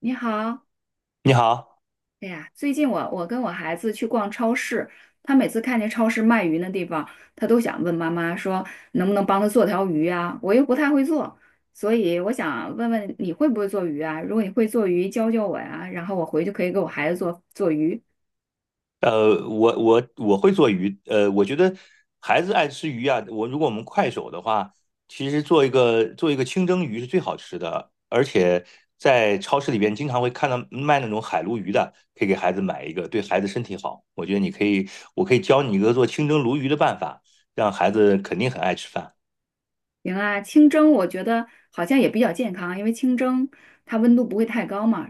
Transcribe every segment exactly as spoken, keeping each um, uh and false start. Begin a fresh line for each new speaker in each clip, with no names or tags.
你好。
你好。
哎呀，最近我我跟我孩子去逛超市，他每次看见超市卖鱼那地方，他都想问妈妈说能不能帮他做条鱼啊？我又不太会做，所以我想问问你会不会做鱼啊？如果你会做鱼，教教我呀，然后我回去可以给我孩子做做鱼。
呃，我我我会做鱼，呃，我觉得孩子爱吃鱼啊，我如果我们快手的话，其实做一个做一个清蒸鱼是最好吃的，而且在超市里边经常会看到卖那种海鲈鱼的，可以给孩子买一个，对孩子身体好。我觉得你可以，我可以教你一个做清蒸鲈鱼的办法，让孩子肯定很爱吃饭。
行啊，清蒸我觉得好像也比较健康，因为清蒸它温度不会太高嘛，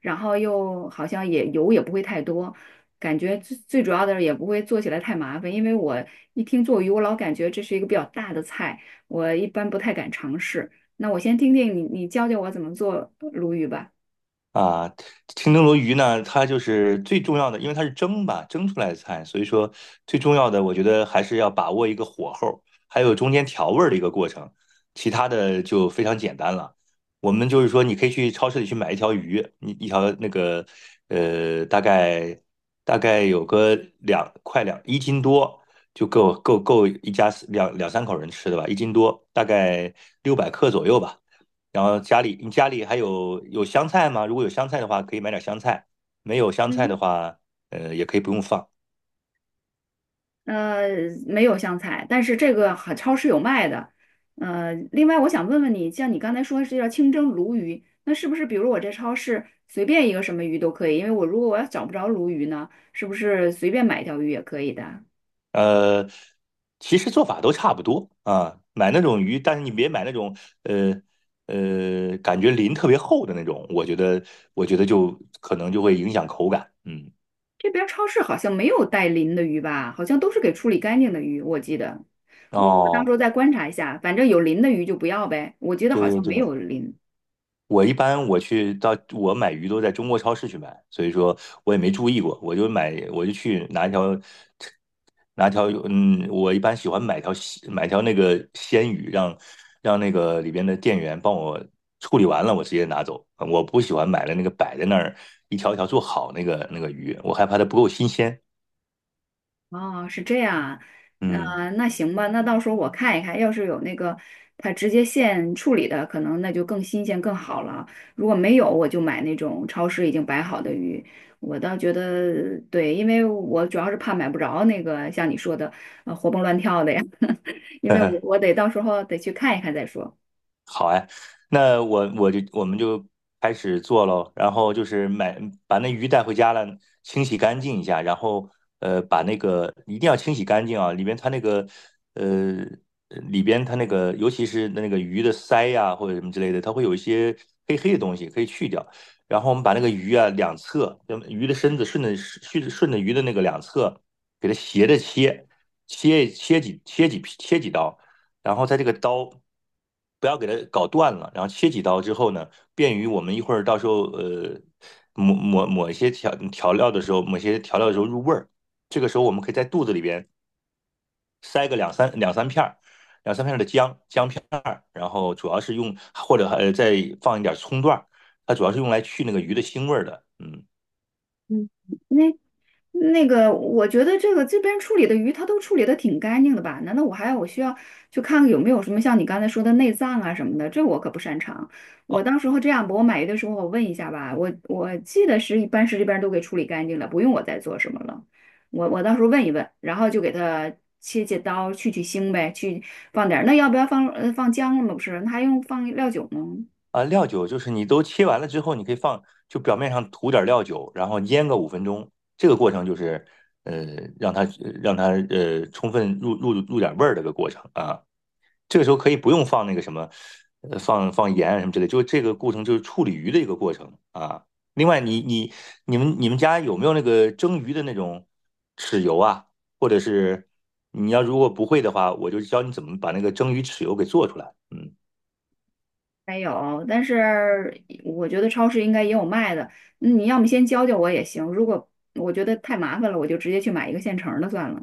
然后又好像也油也不会太多，感觉最最主要的是也不会做起来太麻烦，因为我一听做鱼，我老感觉这是一个比较大的菜，我一般不太敢尝试。那我先听听你，你教教我怎么做鲈鱼吧。
啊，清蒸鲈鱼呢，它就是最重要的，因为它是蒸吧，蒸出来的菜，所以说最重要的，我觉得还是要把握一个火候，还有中间调味儿的一个过程，其他的就非常简单了。我们就是说，你可以去超市里去买一条鱼，你一条那个呃，大概大概有个两块两一斤多，就够够够一家四两两三口人吃的吧，一斤多，大概六百克左右吧。然后家里你家里还有有香菜吗？如果有香菜的话，可以买点香菜；没有香菜
嗯。
的话，呃，也可以不用放。
呃，没有香菜，但是这个好超市有卖的。呃，另外我想问问你，像你刚才说是叫清蒸鲈鱼，那是不是比如我这超市随便一个什么鱼都可以？因为我如果我要找不着鲈鱼呢，是不是随便买一条鱼也可以的？
呃，其实做法都差不多啊。买那种鱼，但是你别买那种呃呃感觉鳞特别厚的那种，我觉得我觉得就可能就会影响口感。嗯。
这边儿超市好像没有带鳞的鱼吧？好像都是给处理干净的鱼，我记得。我我到时
哦。
候再观察一下，反正有鳞的鱼就不要呗。我觉得
对
好像
对
没
对，
有鳞。
我一般我去到我买鱼都在中国超市去买，所以说我也没注意过，我就买我就去拿一条拿条嗯，我一般喜欢买条鲜买条那个鲜鱼，让让那个里边的店员帮我处理完了，我直接拿走。嗯我不喜欢买了那个摆在那儿一条一条做好那个那个鱼，我害怕它不够新鲜。
啊，是这样啊。
嗯。
呃，那行吧，那到时候我看一看，要是有那个它直接现处理的，可能那就更新鲜更好了。如果没有，我就买那种超市已经摆好的鱼。我倒觉得对，因为我主要是怕买不着那个像你说的，呃，活蹦乱跳的呀，因为我我 得到时候得去看一看再说。
好哎，那我我就我们就开始做喽，然后就是买把那鱼带回家了，清洗干净一下，然后呃把那个一定要清洗干净啊，里边它那个呃里边它那个尤其是那个鱼的鳃呀、或者什么之类的，它会有一些黑黑的东西可以去掉，然后我们把那个鱼啊两侧，那鱼的身子顺着顺着顺着鱼的那个两侧给它斜着切，切切几切几切几刀。然后它这个刀不要给它搞断了，然后切几刀之后呢，便于我们一会儿到时候呃抹抹抹一些调调料的时候，抹一些调料的时候入味儿。这个时候我们可以在肚子里边塞个两三两三片儿，两三片儿的姜姜片儿，然后主要是用或者呃再放一点葱段儿，它主要是用来去那个鱼的腥味儿的。嗯。
嗯。那那个，我觉得这个这边处理的鱼，它都处理的挺干净的吧？难道我还要我需要去看看有没有什么像你刚才说的内脏啊什么的？这我可不擅长。我
哦
到时候这样吧，我买鱼的时候我问一下吧，我我记得是一般是这边都给处理干净了，不用我再做什么了。我我到时候问一问，然后就给它切切刀，去去腥呗，去放点儿那要不要放呃放姜了吗？不是，那还用放料酒吗？
啊，料酒就是你都切完了之后，你可以放，就表面上涂点料酒，然后腌个五分钟。这个过程就是，呃，让它呃让它呃充分入入入点味儿的一个过程啊。这个时候可以不用放那个什么，呃，放放盐啊什么之类，就这个过程就是处理鱼的一个过程啊。另外你，你你们你们家有没有那个蒸鱼的那种豉油啊？或者是你要如果不会的话，我就教你怎么把那个蒸鱼豉油给做出来。嗯。
没有，但是我觉得超市应该也有卖的。嗯你要么先教教我也行，如果我觉得太麻烦了，我就直接去买一个现成儿的算了。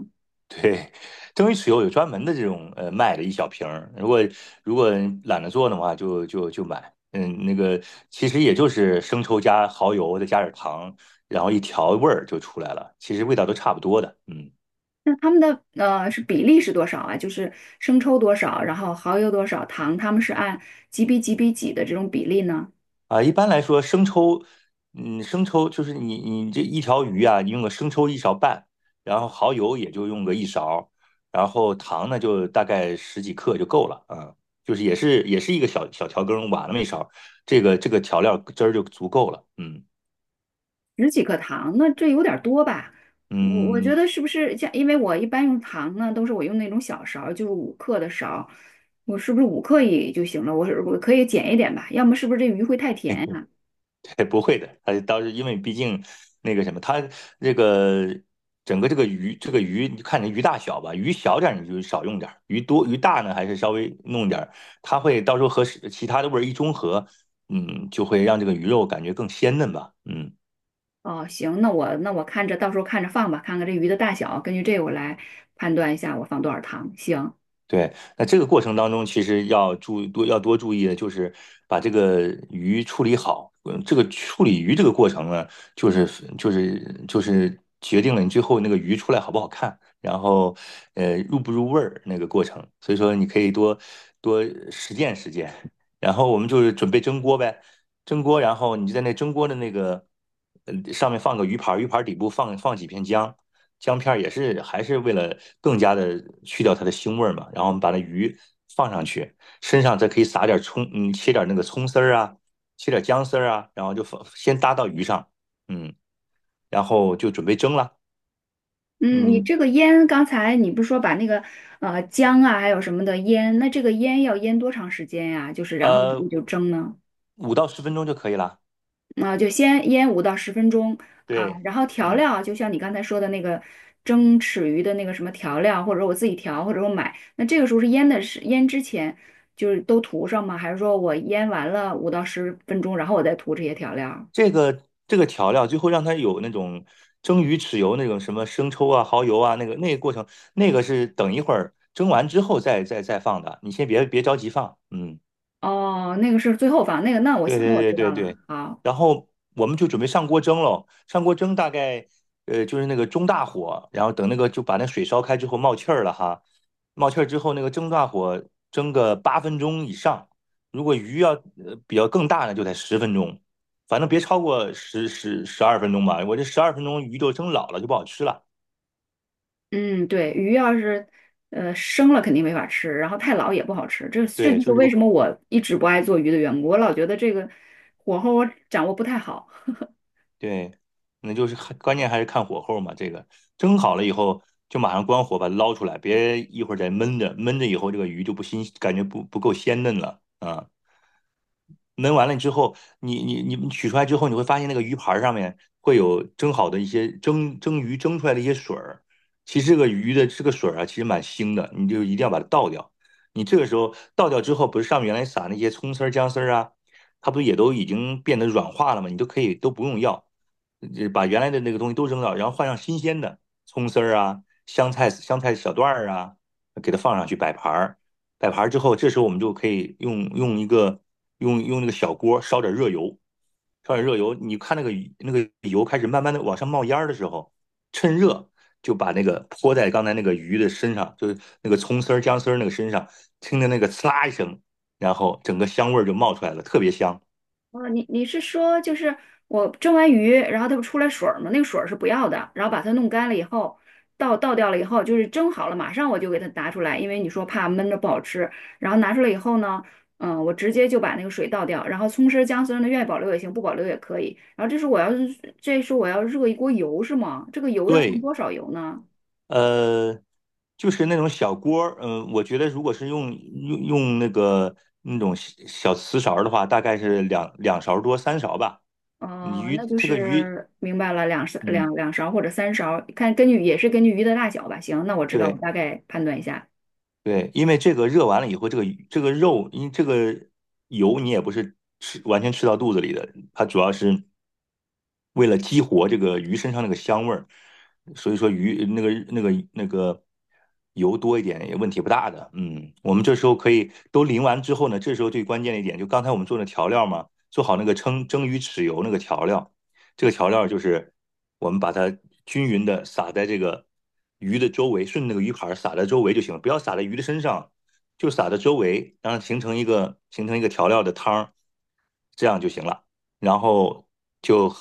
对，蒸鱼豉油有专门的这种呃卖的一小瓶儿，如果如果懒得做的话，就就就买。嗯，那个其实也就是生抽加蚝油，再加点糖，然后一调味儿就出来了，其实味道都差不多的。嗯。
那他们的呃是比例是多少啊？就是生抽多少，然后蚝油多少，糖他们是按几比几比几的这种比例呢？
啊，一般来说，生抽，嗯，生抽就是你你这一条鱼啊，你用个生抽一勺半，然后蚝油也就用个一勺，然后糖呢就大概十几克就够了啊，就是也是也是一个小小调羹，挖那么一勺，这个这个调料汁儿就足够了。嗯
十几克糖，那这有点儿多吧？我我觉
嗯。
得是不是像，因为我一般用糖呢，都是我用那种小勺儿就是五克的勺儿我是不是五克也就行了？我是我可以减一点吧，要么是不是这鱼会太甜呀？
对不会的，他当时因为毕竟那个什么，他这个整个这个鱼，这个鱼你看你鱼大小吧，鱼小点儿你就少用点儿，鱼多鱼大呢还是稍微弄点儿，它会到时候和其他的味儿一中和，嗯，就会让这个鱼肉感觉更鲜嫩吧。嗯。
哦，行，那我那我看着到时候看着放吧，看看这鱼的大小，根据这个我来判断一下我放多少糖。行。
对，那这个过程当中，其实要注多要多注意的就是把这个鱼处理好。嗯，这个处理鱼这个过程呢，就是就是就是决定了你最后那个鱼出来好不好看，然后呃入不入味儿那个过程。所以说你可以多多实践实践。然后我们就是准备蒸锅呗，蒸锅，然后你就在那蒸锅的那个呃上面放个鱼盘儿，鱼盘儿底部放放几片姜，姜片儿也是还是为了更加的去掉它的腥味儿嘛。然后我们把那鱼放上去，身上再可以撒点葱，嗯，切点那个葱丝儿啊，切点姜丝儿啊，然后就放先搭到鱼上，嗯，然后就准备蒸了。
嗯，你
嗯。
这个腌，刚才你不是说把那个呃姜啊还有什么的腌，那这个腌要腌多长时间呀？就是然后
呃，
你就蒸呢？
五到十分钟就可以了。
啊，就先腌五到十分钟啊，
对。
然后调
嗯。
料就像你刚才说的那个蒸豉鱼的那个什么调料，或者我自己调，或者我买，那这个时候是腌的是腌之前就是都涂上吗？还是说我腌完了五到十分钟，然后我再涂这些调料？
这个这个调料最后让它有那种蒸鱼豉油那种什么生抽啊、蚝油啊，那个那个过程，那个是等一会儿蒸完之后再再再放的，你先别别着急放。嗯。
哦，那个是最后放，那个那我
对
行，那
对
我
对
知道
对
了。
对，
好。
然后我们就准备上锅蒸喽。上锅蒸大概呃就是那个中大火，然后等那个就把那水烧开之后冒气儿了哈，冒气儿之后那个中大火蒸个八分钟以上。如果鱼要呃比较更大呢，就得十分钟，反正别超过十十十二分钟吧。我这十二分钟鱼就蒸老了就不好吃了。
嗯，对，鱼要是呃生了肯定没法吃，然后太老也不好吃，这这
对，
就是
就是个
为什么我一直不爱做鱼的缘故。我老觉得这个火候我掌握不太好。
对，那就是看关键还是看火候嘛。这个蒸好了以后，就马上关火把它捞出来，别一会儿再闷着，闷着以后这个鱼就不新，感觉不不够鲜嫩了啊。焖完了之后，你你你取出来之后，你会发现那个鱼盘上面会有蒸好的一些蒸蒸鱼蒸出来的一些水儿。其实这个鱼的这个水儿啊，其实蛮腥的，你就一定要把它倒掉。你这个时候倒掉之后，不是上面原来撒那些葱丝儿、姜丝儿啊，它不也都已经变得软化了吗？你都可以都不用要，呃把原来的那个东西都扔掉，然后换上新鲜的葱丝儿啊、香菜、香菜小段儿啊，给它放上去摆盘儿。摆盘之后，这时候我们就可以用用一个用用那个小锅烧点热油，烧点热油。你看那个那个油开始慢慢的往上冒烟的时候，趁热就把那个泼在刚才那个鱼的身上，就是那个葱丝儿、姜丝儿那个身上，听着那个刺啦一声，然后整个香味儿就冒出来了，特别香。
哦，你你是说就是我蒸完鱼，然后它不出来水儿吗？那个水儿是不要的，然后把它弄干了以后，倒倒掉了以后，就是蒸好了，马上我就给它拿出来，因为你说怕闷着不好吃。然后拿出来以后呢，嗯，我直接就把那个水倒掉，然后葱丝儿姜丝儿呢，愿意保留也行，不保留也可以。然后这是我要是这是我要热一锅油是吗？这个油要放
对，
多少油呢？
呃，就是那种小锅儿，嗯，我觉得如果是用用用那个那种小小瓷勺儿的话，大概是两两勺多三勺吧。你
哦，
鱼
那就
这个鱼，
是明白了，两勺
嗯，
两两勺或者三勺，看根据也是根据鱼的大小吧。行，那我知道，我
对，
大概判断一下。
对，因为这个热完了以后，这个这个肉，因这个油你也不是吃完全吃到肚子里的，它主要是为了激活这个鱼身上那个香味儿，所以说鱼那个那个那个油多一点也问题不大的。嗯，我们这时候可以都淋完之后呢，这时候最关键的一点就刚才我们做的调料嘛，做好那个蒸蒸鱼豉油那个调料，这个调料就是我们把它均匀的撒在这个鱼的周围，顺着那个鱼盘撒在周围就行了，不要撒在鱼的身上，就撒在周围，让它形成一个形成一个调料的汤儿，这样就行了。然后就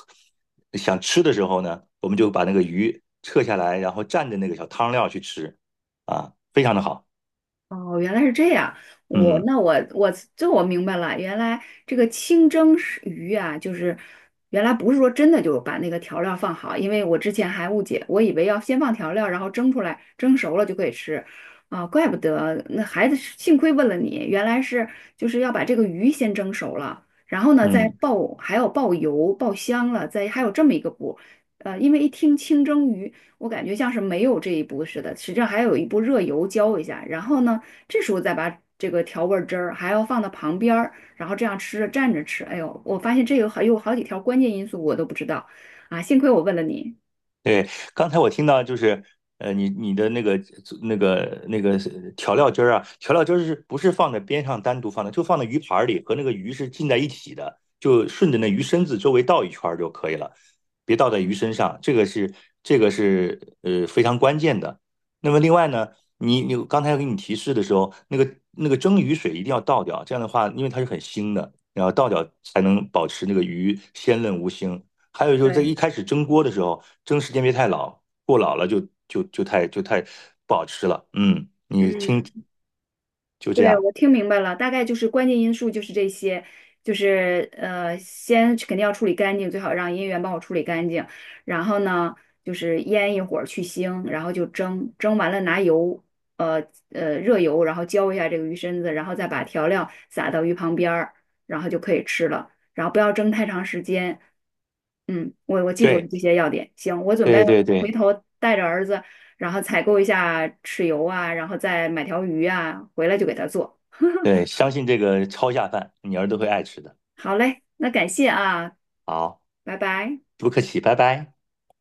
想吃的时候呢，我们就把那个鱼撤下来，然后蘸着那个小汤料去吃，啊，非常的好。
哦，原来是这样。我
嗯
那我我这我明白了，原来这个清蒸是鱼啊，就是原来不是说真的就把那个调料放好，因为我之前还误解，我以为要先放调料，然后蒸出来，蒸熟了就可以吃。啊，怪不得那孩子是幸亏问了你，原来是就是要把这个鱼先蒸熟了，然后呢再
嗯。
爆，还要爆油、爆香了，再还有这么一个步。呃，因为一听清蒸鱼，我感觉像是没有这一步似的，实际上还有一步热油浇一下，然后呢。这时候再把这个调味汁儿还要放到旁边儿，然后这样吃着蘸着吃。哎呦，我发现这有好有好几条关键因素我都不知道啊，幸亏我问了你。
对，刚才我听到就是，呃，你你的那个那个那个调料汁儿啊，调料汁儿是不是放在边上单独放的，就放在鱼盘儿里，和那个鱼是浸在一起的，就顺着那鱼身子周围倒一圈儿就可以了，别倒在鱼身上，这个是这个是呃非常关键的。那么另外呢，你你刚才给你提示的时候，那个那个蒸鱼水一定要倒掉，这样的话，因为它是很腥的，然后倒掉才能保持那个鱼鲜嫩无腥。还有就是在一
对。
开始蒸锅的时候，蒸时间别太老，过老了就就就太就太不好吃了。嗯，
嗯，
就这
对，
样。
我听明白了，大概就是关键因素就是这些，就是呃，先肯定要处理干净，最好让音源帮我处理干净。然后呢，就是腌一会儿去腥，然后就蒸，蒸完了拿油，呃呃热油，然后浇一下这个鱼身子，然后再把调料撒到鱼旁边儿，然后就可以吃了。然后不要蒸太长时间。嗯，我我记住了这
对
些要点。行，我准备
对对
回
对
头带着儿子。然后采购一下豉油啊，然后再买条鱼啊，回来就给他做。
对，相信这个超下饭，你儿子会爱吃的。
好嘞，那感谢啊。
好，
拜拜。
不客气，拜拜。